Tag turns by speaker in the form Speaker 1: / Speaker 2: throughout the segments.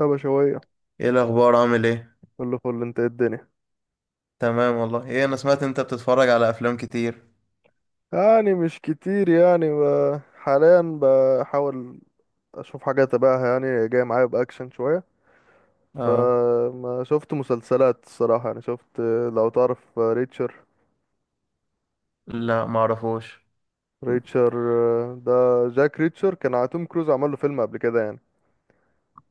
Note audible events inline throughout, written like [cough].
Speaker 1: يا بشوية،
Speaker 2: ايه الاخبار؟ عامل ايه؟
Speaker 1: كله فل. انت ايه الدنيا؟
Speaker 2: تمام والله. ايه، انا سمعت انت بتتفرج على افلام كتير.
Speaker 1: يعني مش كتير يعني حاليا بحاول اشوف حاجة تبعها، يعني جاي معايا بأكشن شوية.
Speaker 2: اه.
Speaker 1: فما شفت مسلسلات الصراحة، يعني شفت. لو تعرف ريتشر.
Speaker 2: لا ما اعرفوش.
Speaker 1: ريتشر ده جاك ريتشر، كان على توم كروز عمل له فيلم قبل كده يعني.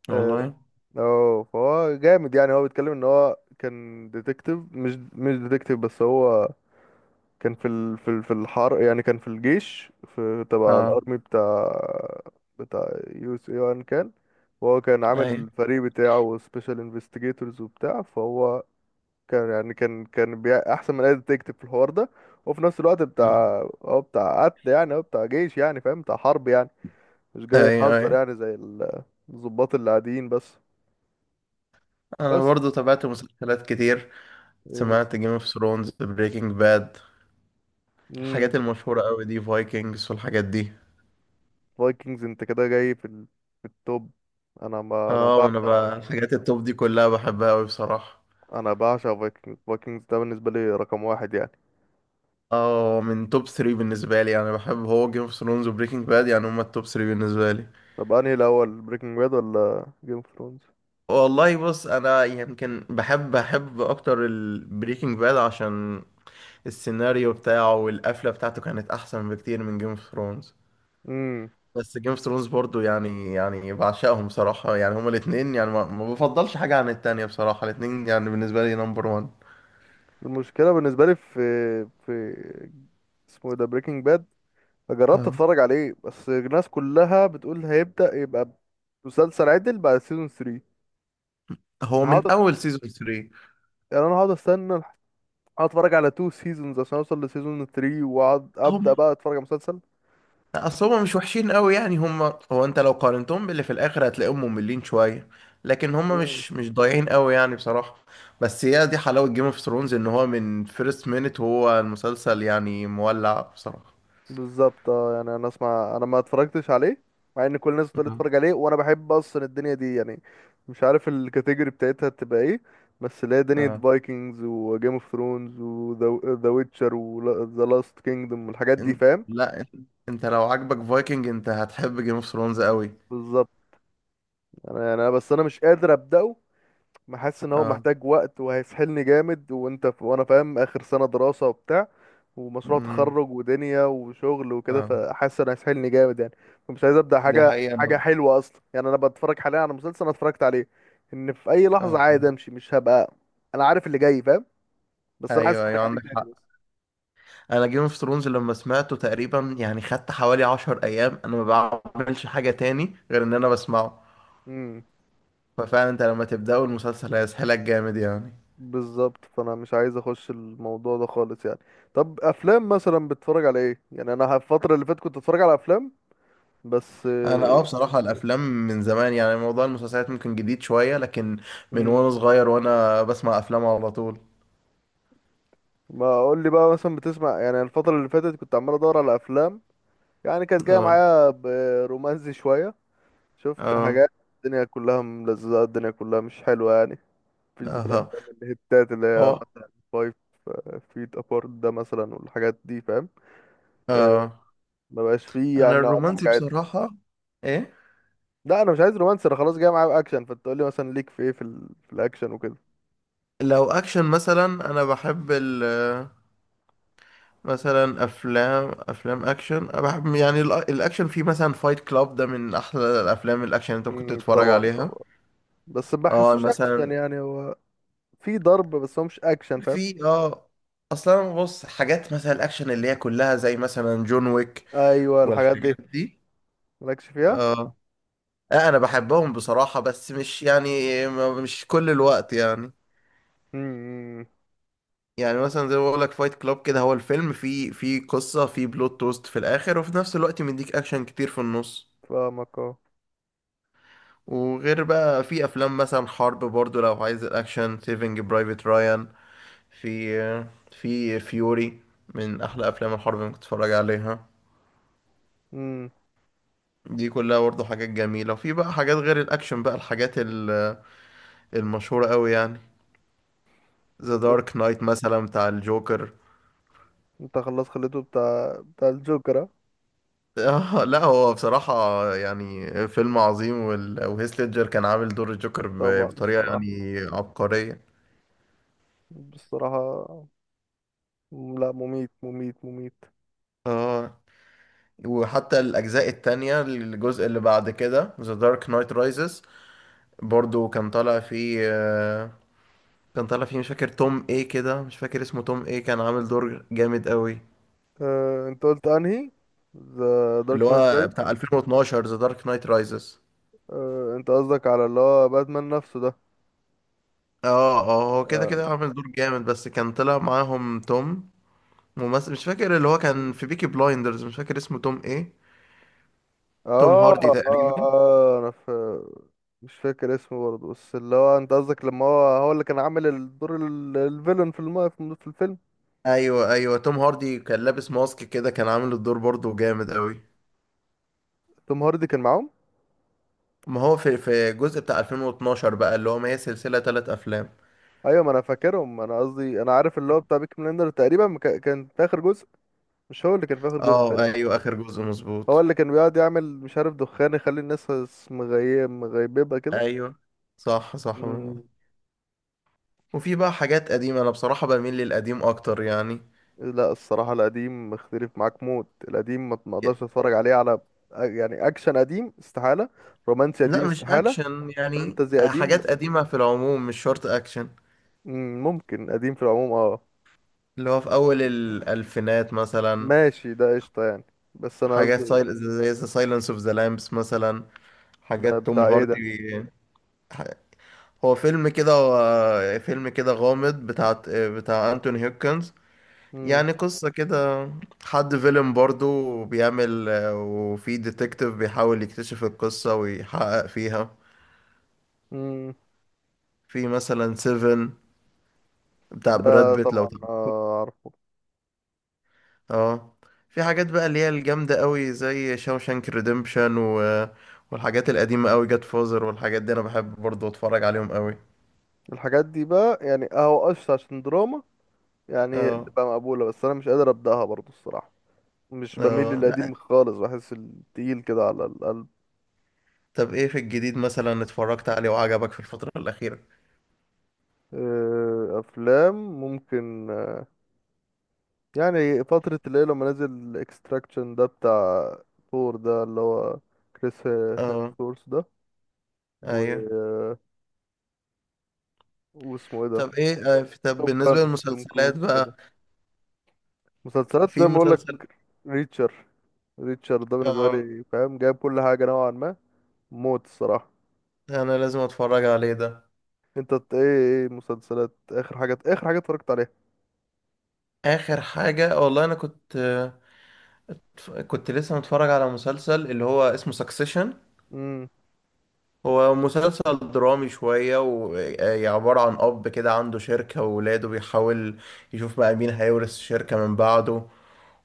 Speaker 1: اه
Speaker 2: والله.
Speaker 1: اه، فهو جامد، يعني هو بيتكلم ان هو كان ديتكتيف. مش ديتكتيف بس، هو كان في الحرب، يعني كان في الجيش، في تبع
Speaker 2: اه.
Speaker 1: الارمي بتاع. يو اس اي، وان كان. وهو كان
Speaker 2: اي.
Speaker 1: عامل فريق بتاعه سبيشال انفستيجيتورز وبتاع. فهو كان يعني، كان احسن من اي ديتكتيف في الحوار ده. وفي نفس الوقت
Speaker 2: آه.
Speaker 1: بتاع، هو بتاع قتل يعني. هو بتاع جيش يعني، فاهم؟ بتاع حرب يعني، مش جاي
Speaker 2: اي اي.
Speaker 1: يهزر يعني زي الضباط اللي عاديين بس.
Speaker 2: انا
Speaker 1: بس
Speaker 2: برضو تابعت مسلسلات كتير،
Speaker 1: ايه مثلا؟
Speaker 2: سمعت جيم اوف ثرونز، بريكنج باد،
Speaker 1: امم
Speaker 2: الحاجات المشهورة قوي دي، فايكنجز والحاجات دي.
Speaker 1: فايكنجز انت كده جاي في التوب. انا، ما انا
Speaker 2: اه،
Speaker 1: بعشق
Speaker 2: وانا بقى
Speaker 1: Vikings.
Speaker 2: الحاجات التوب دي كلها بحبها قوي بصراحة.
Speaker 1: انا بعشق فايكنجز. فايكنجز ده بالنسبه لي رقم واحد يعني.
Speaker 2: اه، من توب 3 بالنسبة لي يعني، بحب هو جيم اوف ثرونز وبريكنج باد، يعني هما التوب 3 بالنسبة لي.
Speaker 1: طب انهي الاول، بريكنج باد ولا جيم اوف ثرونز؟
Speaker 2: والله بص، انا يمكن بحب اكتر البريكنج باد، عشان السيناريو بتاعه والقفله بتاعته كانت احسن بكتير من جيم اوف ثرونز.
Speaker 1: امم
Speaker 2: بس جيم اوف ثرونز برضو يعني بعشقهم بصراحه، يعني هما الاثنين، يعني ما بفضلش حاجه عن التانية بصراحه، الاثنين يعني بالنسبه لي نمبر 1.
Speaker 1: المشكله بالنسبه لي في اسمه إيه ده، بريكنج باد. جربت اتفرج عليه، بس الناس كلها بتقول هيبدا يبقى مسلسل عدل بعد سيزون 3.
Speaker 2: هو
Speaker 1: انا هقعد
Speaker 2: من
Speaker 1: أس-
Speaker 2: اول سيزون 3.
Speaker 1: انا هقعد هقعد اتفرج على 2 سيزونز عشان اوصل لسيزون 3، واقعد ابدا بقى اتفرج على مسلسل.
Speaker 2: اصل هما مش وحشين قوي يعني، هما هو انت لو قارنتهم باللي في الاخر هتلاقيهم مملين شويه، لكن هما مش ضايعين قوي يعني بصراحه. بس هي دي حلاوه جيم اوف ثرونز، ان هو من فيرست مينت هو المسلسل يعني مولع بصراحه.
Speaker 1: بالظبط اه، يعني انا اسمع. انا ما اتفرجتش عليه، مع ان كل الناس بتقول
Speaker 2: نعم.
Speaker 1: اتفرج عليه وانا بحب اصلا الدنيا دي يعني. مش عارف الكاتيجوري بتاعتها تبقى ايه، بس اللي هي دنيا
Speaker 2: اه.
Speaker 1: فايكنجز وجيم اوف ثرونز وذا ويتشر وذا لاست كينجدوم والحاجات دي،
Speaker 2: إن-
Speaker 1: فاهم؟
Speaker 2: لا إن- انت لو عاجبك فايكنج انت هتحب جيم اوف ثرونز قوي.
Speaker 1: بالظبط. انا يعني انا بس انا مش قادر ابداه. حاسس ان هو
Speaker 2: اه.
Speaker 1: محتاج وقت وهيسحلني جامد، وانا فاهم اخر سنة دراسة وبتاع، ومشروع
Speaker 2: امم
Speaker 1: تخرج ودنيا وشغل وكده،
Speaker 2: اه.
Speaker 1: فحاسس انه هيسحلني جامد يعني. فمش عايز ابدا
Speaker 2: دي
Speaker 1: حاجة
Speaker 2: حقيقه.
Speaker 1: حاجة
Speaker 2: انا
Speaker 1: حلوة اصلا يعني. انا بتفرج حاليا على مسلسل، انا اتفرجت عليه ان في اي لحظة
Speaker 2: اه،
Speaker 1: عادي امشي، مش هبقى. انا عارف اللي جاي، فاهم؟ بس انا عايز
Speaker 2: ايوه
Speaker 1: اتفرج
Speaker 2: ايوه
Speaker 1: عليه
Speaker 2: عندك
Speaker 1: تاني
Speaker 2: حق.
Speaker 1: بس.
Speaker 2: انا جيم اوف ثرونز لما سمعته تقريبا يعني خدت حوالي عشر ايام انا ما بعملش حاجة تاني غير ان انا بسمعه.
Speaker 1: امم
Speaker 2: ففعلا انت لما تبدأه المسلسل هيسحلك جامد يعني.
Speaker 1: بالظبط، فانا مش عايز اخش الموضوع ده خالص يعني. طب افلام مثلا بتتفرج على ايه؟ يعني انا الفترة اللي فاتت كنت اتفرج على افلام بس.
Speaker 2: انا اه بصراحة الافلام من زمان، يعني موضوع المسلسلات ممكن جديد شوية، لكن من
Speaker 1: امم
Speaker 2: وانا صغير وانا بسمع افلام على طول.
Speaker 1: ما اقول لي بقى، مثلا بتسمع يعني الفترة اللي فاتت كنت عمال ادور على افلام. يعني كانت جاية
Speaker 2: اه.
Speaker 1: معايا برومانسي شوية. شفت
Speaker 2: اه.
Speaker 1: حاجات. الدنيا كلها ملزقة، الدنيا كلها مش حلوة يعني. مفيش
Speaker 2: اه.
Speaker 1: زي الافلام الهتات اللي هي
Speaker 2: هو
Speaker 1: مثلا فايف فيت ابارت ده مثلا، والحاجات دي فاهم. آه،
Speaker 2: اه،
Speaker 1: ما بقاش فيه
Speaker 2: انا
Speaker 1: يعني نوع من
Speaker 2: الرومانسي
Speaker 1: حاجات.
Speaker 2: بصراحة. ايه.
Speaker 1: لا انا مش عايز رومانسي، انا خلاص جاي معايا باكشن. فانت تقول لي مثلا، ليك في ايه في الاكشن وكده.
Speaker 2: لو اكشن مثلا، انا بحب ال، مثلا افلام اكشن. أنا بحب يعني الاكشن في، مثلا فايت كلاب ده من احلى الافلام الاكشن اللي انت ممكن تتفرج
Speaker 1: طبعا
Speaker 2: عليها.
Speaker 1: طبعا. بس ما
Speaker 2: اه.
Speaker 1: بحسوش اكشن
Speaker 2: مثلا
Speaker 1: يعني. هو في ضرب، بس هو مش اكشن فاهم.
Speaker 2: في اه، اصلا بص حاجات مثلا الاكشن اللي هي كلها زي مثلا جون ويك
Speaker 1: ايوه الحاجات دي.
Speaker 2: والحاجات دي.
Speaker 1: مالكش فيها.
Speaker 2: اه. آه، انا بحبهم بصراحة، بس مش يعني مش كل الوقت يعني.
Speaker 1: امم
Speaker 2: يعني مثلا زي ما بقول لك فايت كلاب كده، هو الفيلم فيه قصة، فيه بلوت توست في الاخر، وفي نفس الوقت مديك اكشن كتير في النص.
Speaker 1: فاهمك اه.
Speaker 2: وغير بقى في افلام مثلا حرب، برضو لو عايز الاكشن، سيفنج برايفت رايان، في في فيوري، من احلى افلام الحرب اللي ممكن تتفرج عليها.
Speaker 1: امم
Speaker 2: دي كلها برضو حاجات جميلة. وفي بقى حاجات غير الاكشن بقى، المشهورة قوي يعني، ذا
Speaker 1: لا،
Speaker 2: دارك نايت مثلا بتاع الجوكر. [laughs]
Speaker 1: انت خلاص خليته بتاع الجوكر اه؟
Speaker 2: آه لا، هو بصراحة يعني فيلم عظيم. وهيث ليدجر كان عامل دور الجوكر ب،
Speaker 1: طبعا
Speaker 2: بطريقة
Speaker 1: الصراحة.
Speaker 2: يعني عبقرية.
Speaker 1: بصراحة لا، مميت مميت مميت.
Speaker 2: اه. وحتى الأجزاء التانية، الجزء اللي بعد كده The Dark Knight Rises، برضو كان طالع فيه كان طالع فيه مش فاكر توم ايه كده، مش فاكر اسمه توم ايه، كان عامل دور جامد قوي.
Speaker 1: اه انت قلت انهي؟ ذا
Speaker 2: اللي
Speaker 1: دارك نايت
Speaker 2: هو
Speaker 1: رايز.
Speaker 2: بتاع 2012، The Dark Knight Rises.
Speaker 1: اه انت قصدك على اللي هو باتمان نفسه ده.
Speaker 2: اه اه، هو كده
Speaker 1: اه.
Speaker 2: كده عامل دور جامد، بس كان طلع معاهم توم، ممثل مش فاكر، اللي هو كان
Speaker 1: مم.
Speaker 2: في بيكي بلايندرز، مش فاكر اسمه توم ايه. توم
Speaker 1: اه.
Speaker 2: هاردي تقريبا.
Speaker 1: اه، انا في. مش فاكر اسمه برضه، بس اللي هو انت قصدك، لما هو اللي كان عامل الدور الفيلن في الفيلم.
Speaker 2: ايوه ايوه، توم هاردي كان لابس ماسك كده، كان عامل الدور برضو جامد قوي.
Speaker 1: توم هاردي كان معاهم.
Speaker 2: ما هو في الجزء بتاع 2012 بقى اللي هو، ما هي سلسلة ثلاث افلام.
Speaker 1: ايوه، ما انا فاكرهم. انا قصدي، انا عارف اللي هو بتاع بيك بلندر تقريبا، كان في اخر جزء. مش هو اللي كان في اخر جزء
Speaker 2: اه
Speaker 1: تقريبا؟
Speaker 2: ايوه، اخر جزء
Speaker 1: هو
Speaker 2: مظبوط.
Speaker 1: اللي كان بيقعد يعمل مش عارف دخان، يخلي الناس مغيببه كده.
Speaker 2: ايوه صح صح، برافو
Speaker 1: مم.
Speaker 2: عليك. وفي بقى حاجات قديمة، انا بصراحة بميل للقديم اكتر يعني.
Speaker 1: لا الصراحه القديم، مختلف معاك موت. القديم ما اقدرش اتفرج عليه على. يعني اكشن قديم استحاله، رومانسي قديم
Speaker 2: لا مش
Speaker 1: استحاله،
Speaker 2: اكشن يعني،
Speaker 1: فانتزي قديم
Speaker 2: حاجات
Speaker 1: استحالة.
Speaker 2: قديمة في العموم مش شرط اكشن.
Speaker 1: مم، ممكن قديم في العموم اه.
Speaker 2: اللي هو في اول الالفينات مثلا،
Speaker 1: ماشي، ده قشطه يعني. بس انا قصدي.
Speaker 2: زي ذا سايلنس اوف ذا لامبس مثلا،
Speaker 1: ده
Speaker 2: حاجات توم
Speaker 1: بتاع ايه
Speaker 2: هاردي.
Speaker 1: ده؟
Speaker 2: ح- هو فيلم كده، هو فيلم كده غامض، بتاع بتاع انتوني هيوكنز.
Speaker 1: مم.
Speaker 2: يعني قصة كده حد فيلم برضو بيعمل وفي ديتكتيف بيحاول يكتشف القصة ويحقق فيها.
Speaker 1: مم.
Speaker 2: في مثلا سيفن بتاع براد
Speaker 1: ده
Speaker 2: بيت لو
Speaker 1: طبعا
Speaker 2: تعرف.
Speaker 1: آه.
Speaker 2: اه. في حاجات بقى اللي هي الجامدة قوي زي شاوشانك ريديمشن والحاجات القديمة قوي، جاد فوزر والحاجات دي، انا بحب برضو اتفرج عليهم قوي.
Speaker 1: الحاجات دي بقى يعني اهو قشطة، عشان دراما يعني
Speaker 2: اه.
Speaker 1: تبقى مقبولة. بس انا مش قادر ابدأها برضو الصراحة. مش بميل
Speaker 2: اه.
Speaker 1: للقديم
Speaker 2: لا
Speaker 1: خالص، بحس التقيل كده على القلب.
Speaker 2: طب ايه في الجديد مثلا اتفرجت عليه وعجبك في الفترة الأخيرة؟
Speaker 1: افلام ممكن. يعني فترة اللي هي لما نزل اكستراكشن ده، بتاع ثور ده، اللي هو كريس
Speaker 2: اه
Speaker 1: هيمسورث ده و...
Speaker 2: ايوه،
Speaker 1: آه، واسمه ايه ده؟
Speaker 2: طب ايه طب
Speaker 1: توب
Speaker 2: بالنسبة
Speaker 1: جان توم
Speaker 2: للمسلسلات
Speaker 1: كروز كده.
Speaker 2: بقى،
Speaker 1: مسلسلات زي
Speaker 2: في
Speaker 1: ما
Speaker 2: مسلسل.
Speaker 1: بقولك. ريتشر. ريتشر ده بالنسبة
Speaker 2: اه،
Speaker 1: لي فاهم، جايب كل حاجة نوعا ما موت الصراحة.
Speaker 2: انا لازم اتفرج عليه ده.
Speaker 1: انت ايه؟ ايه مسلسلات، اخر حاجات؟ اخر حاجه اتفرجت عليها؟
Speaker 2: اخر حاجة والله انا كنت كنت لسه متفرج على مسلسل اللي هو اسمه سكسيشن.
Speaker 1: امم.
Speaker 2: هو مسلسل درامي شوية، وعبارة عن اب كده عنده شركة وولاده، بيحاول يشوف بقى مين هيورث الشركة من بعده،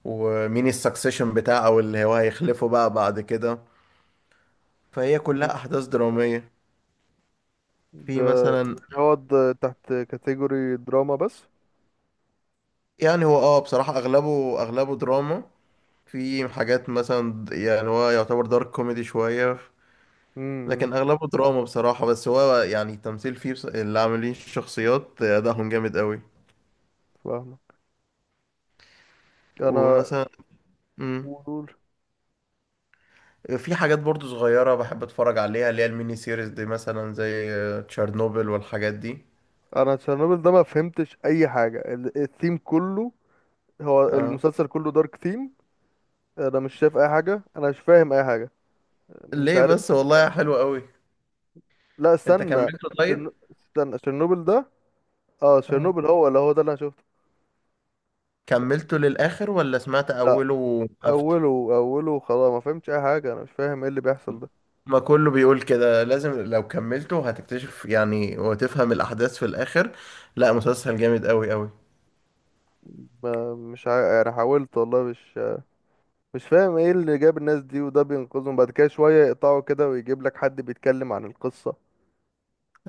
Speaker 2: ومين السكسيشن بتاعه او اللي هو هيخلفه بقى بعد كده. فهي
Speaker 1: امم.
Speaker 2: كلها احداث درامية.
Speaker 1: ده
Speaker 2: في مثلا،
Speaker 1: يعني، هو ده تحت كاتيجوري دراما بس؟
Speaker 2: يعني هو اه بصراحة اغلبه دراما. في حاجات مثلا يعني هو يعتبر دارك كوميدي شوية،
Speaker 1: امم
Speaker 2: لكن أغلبه دراما بصراحة. بس هو يعني التمثيل فيه اللي عاملين الشخصيات أدائهم جامد قوي.
Speaker 1: فاهمه. انا.
Speaker 2: ومثلا مم،
Speaker 1: قول.
Speaker 2: في حاجات برضو صغيرة بحب أتفرج عليها، اللي هي الميني سيريز دي، مثلا زي تشيرنوبل والحاجات دي.
Speaker 1: انا تشيرنوبل ده ما فهمتش اي حاجه، الثيم كله. هو
Speaker 2: اه.
Speaker 1: المسلسل كله دارك ثيم. انا مش شايف اي حاجه، انا مش فاهم اي حاجه. مش
Speaker 2: ليه
Speaker 1: عارف.
Speaker 2: بس، والله حلو قوي.
Speaker 1: لا
Speaker 2: أنت
Speaker 1: استنى.
Speaker 2: كملته طيب؟
Speaker 1: تشيرنوبل ده. اه
Speaker 2: اه،
Speaker 1: تشيرنوبل، هو اللي هو ده اللي انا شفته.
Speaker 2: كملته للآخر ولا سمعت
Speaker 1: لا.
Speaker 2: أوله وقفت؟
Speaker 1: اوله. اوله خلاص ما فهمتش اي حاجه. انا مش فاهم ايه اللي بيحصل ده.
Speaker 2: ما كله بيقول كده، لازم لو كملته هتكتشف يعني وتفهم الأحداث في الآخر. لا مسلسل جامد أوي أوي.
Speaker 1: ما- مش عا... يعني حاولت والله، مش فاهم ايه اللي جاب الناس دي. وده بينقذهم بعد كده شوية، يقطعوا كده ويجيب لك حد بيتكلم عن القصة،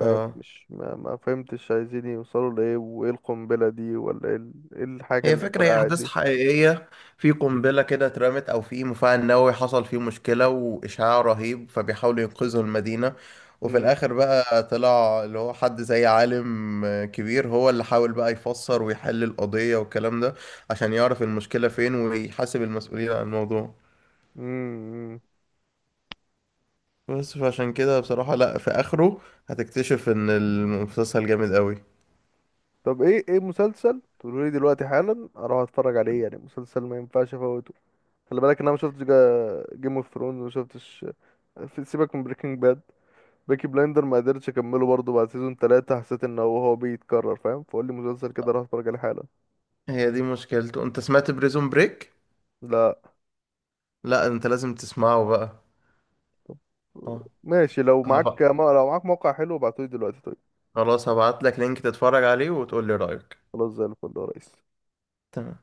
Speaker 1: فاهم؟ مش ما, ما فهمتش عايزين يوصلوا لإيه، وايه القنبلة دي، ولا ايه إيه الحاجة
Speaker 2: هي
Speaker 1: اللي
Speaker 2: فكرة، هي
Speaker 1: فرقعت
Speaker 2: أحداث
Speaker 1: دي.
Speaker 2: حقيقية. في قنبلة كده اترمت، أو في مفاعل نووي حصل فيه مشكلة وإشعاع رهيب، فبيحاولوا ينقذوا المدينة. وفي
Speaker 1: مم.
Speaker 2: الآخر بقى طلع اللي هو حد زي عالم كبير، هو اللي حاول بقى يفسر ويحل القضية والكلام ده، عشان يعرف المشكلة فين ويحاسب المسؤولين عن الموضوع.
Speaker 1: مم.
Speaker 2: بس فعشان كده بصراحة، لا في آخره هتكتشف إن المسلسل جامد قوي.
Speaker 1: طب ايه، ايه مسلسل تقولوا لي دلوقتي حالا اروح اتفرج عليه يعني؟ مسلسل ما ينفعش افوته. خلي بالك ان انا ما شفتش جيم اوف ثرونز، وما شفتش. في، سيبك من بريكنج باد. بيكي بلايندر ما قدرتش اكمله برضه، بعد سيزون ثلاثة حسيت ان هو بيتكرر، فاهم؟ فقول لي مسلسل كده راح اتفرج عليه حالا.
Speaker 2: هي دي مشكلته. أنت سمعت بريزون بريك؟
Speaker 1: لا
Speaker 2: لا أنت لازم تسمعه بقى. اه.
Speaker 1: ماشي، لو معاك
Speaker 2: هبقى،
Speaker 1: ما... لو معاك موقع حلو ابعتولي دلوقتي طيب.
Speaker 2: خلاص هبعت لك لينك تتفرج عليه وتقول لي رأيك.
Speaker 1: خلاص زي الفل يا ريس.
Speaker 2: تمام.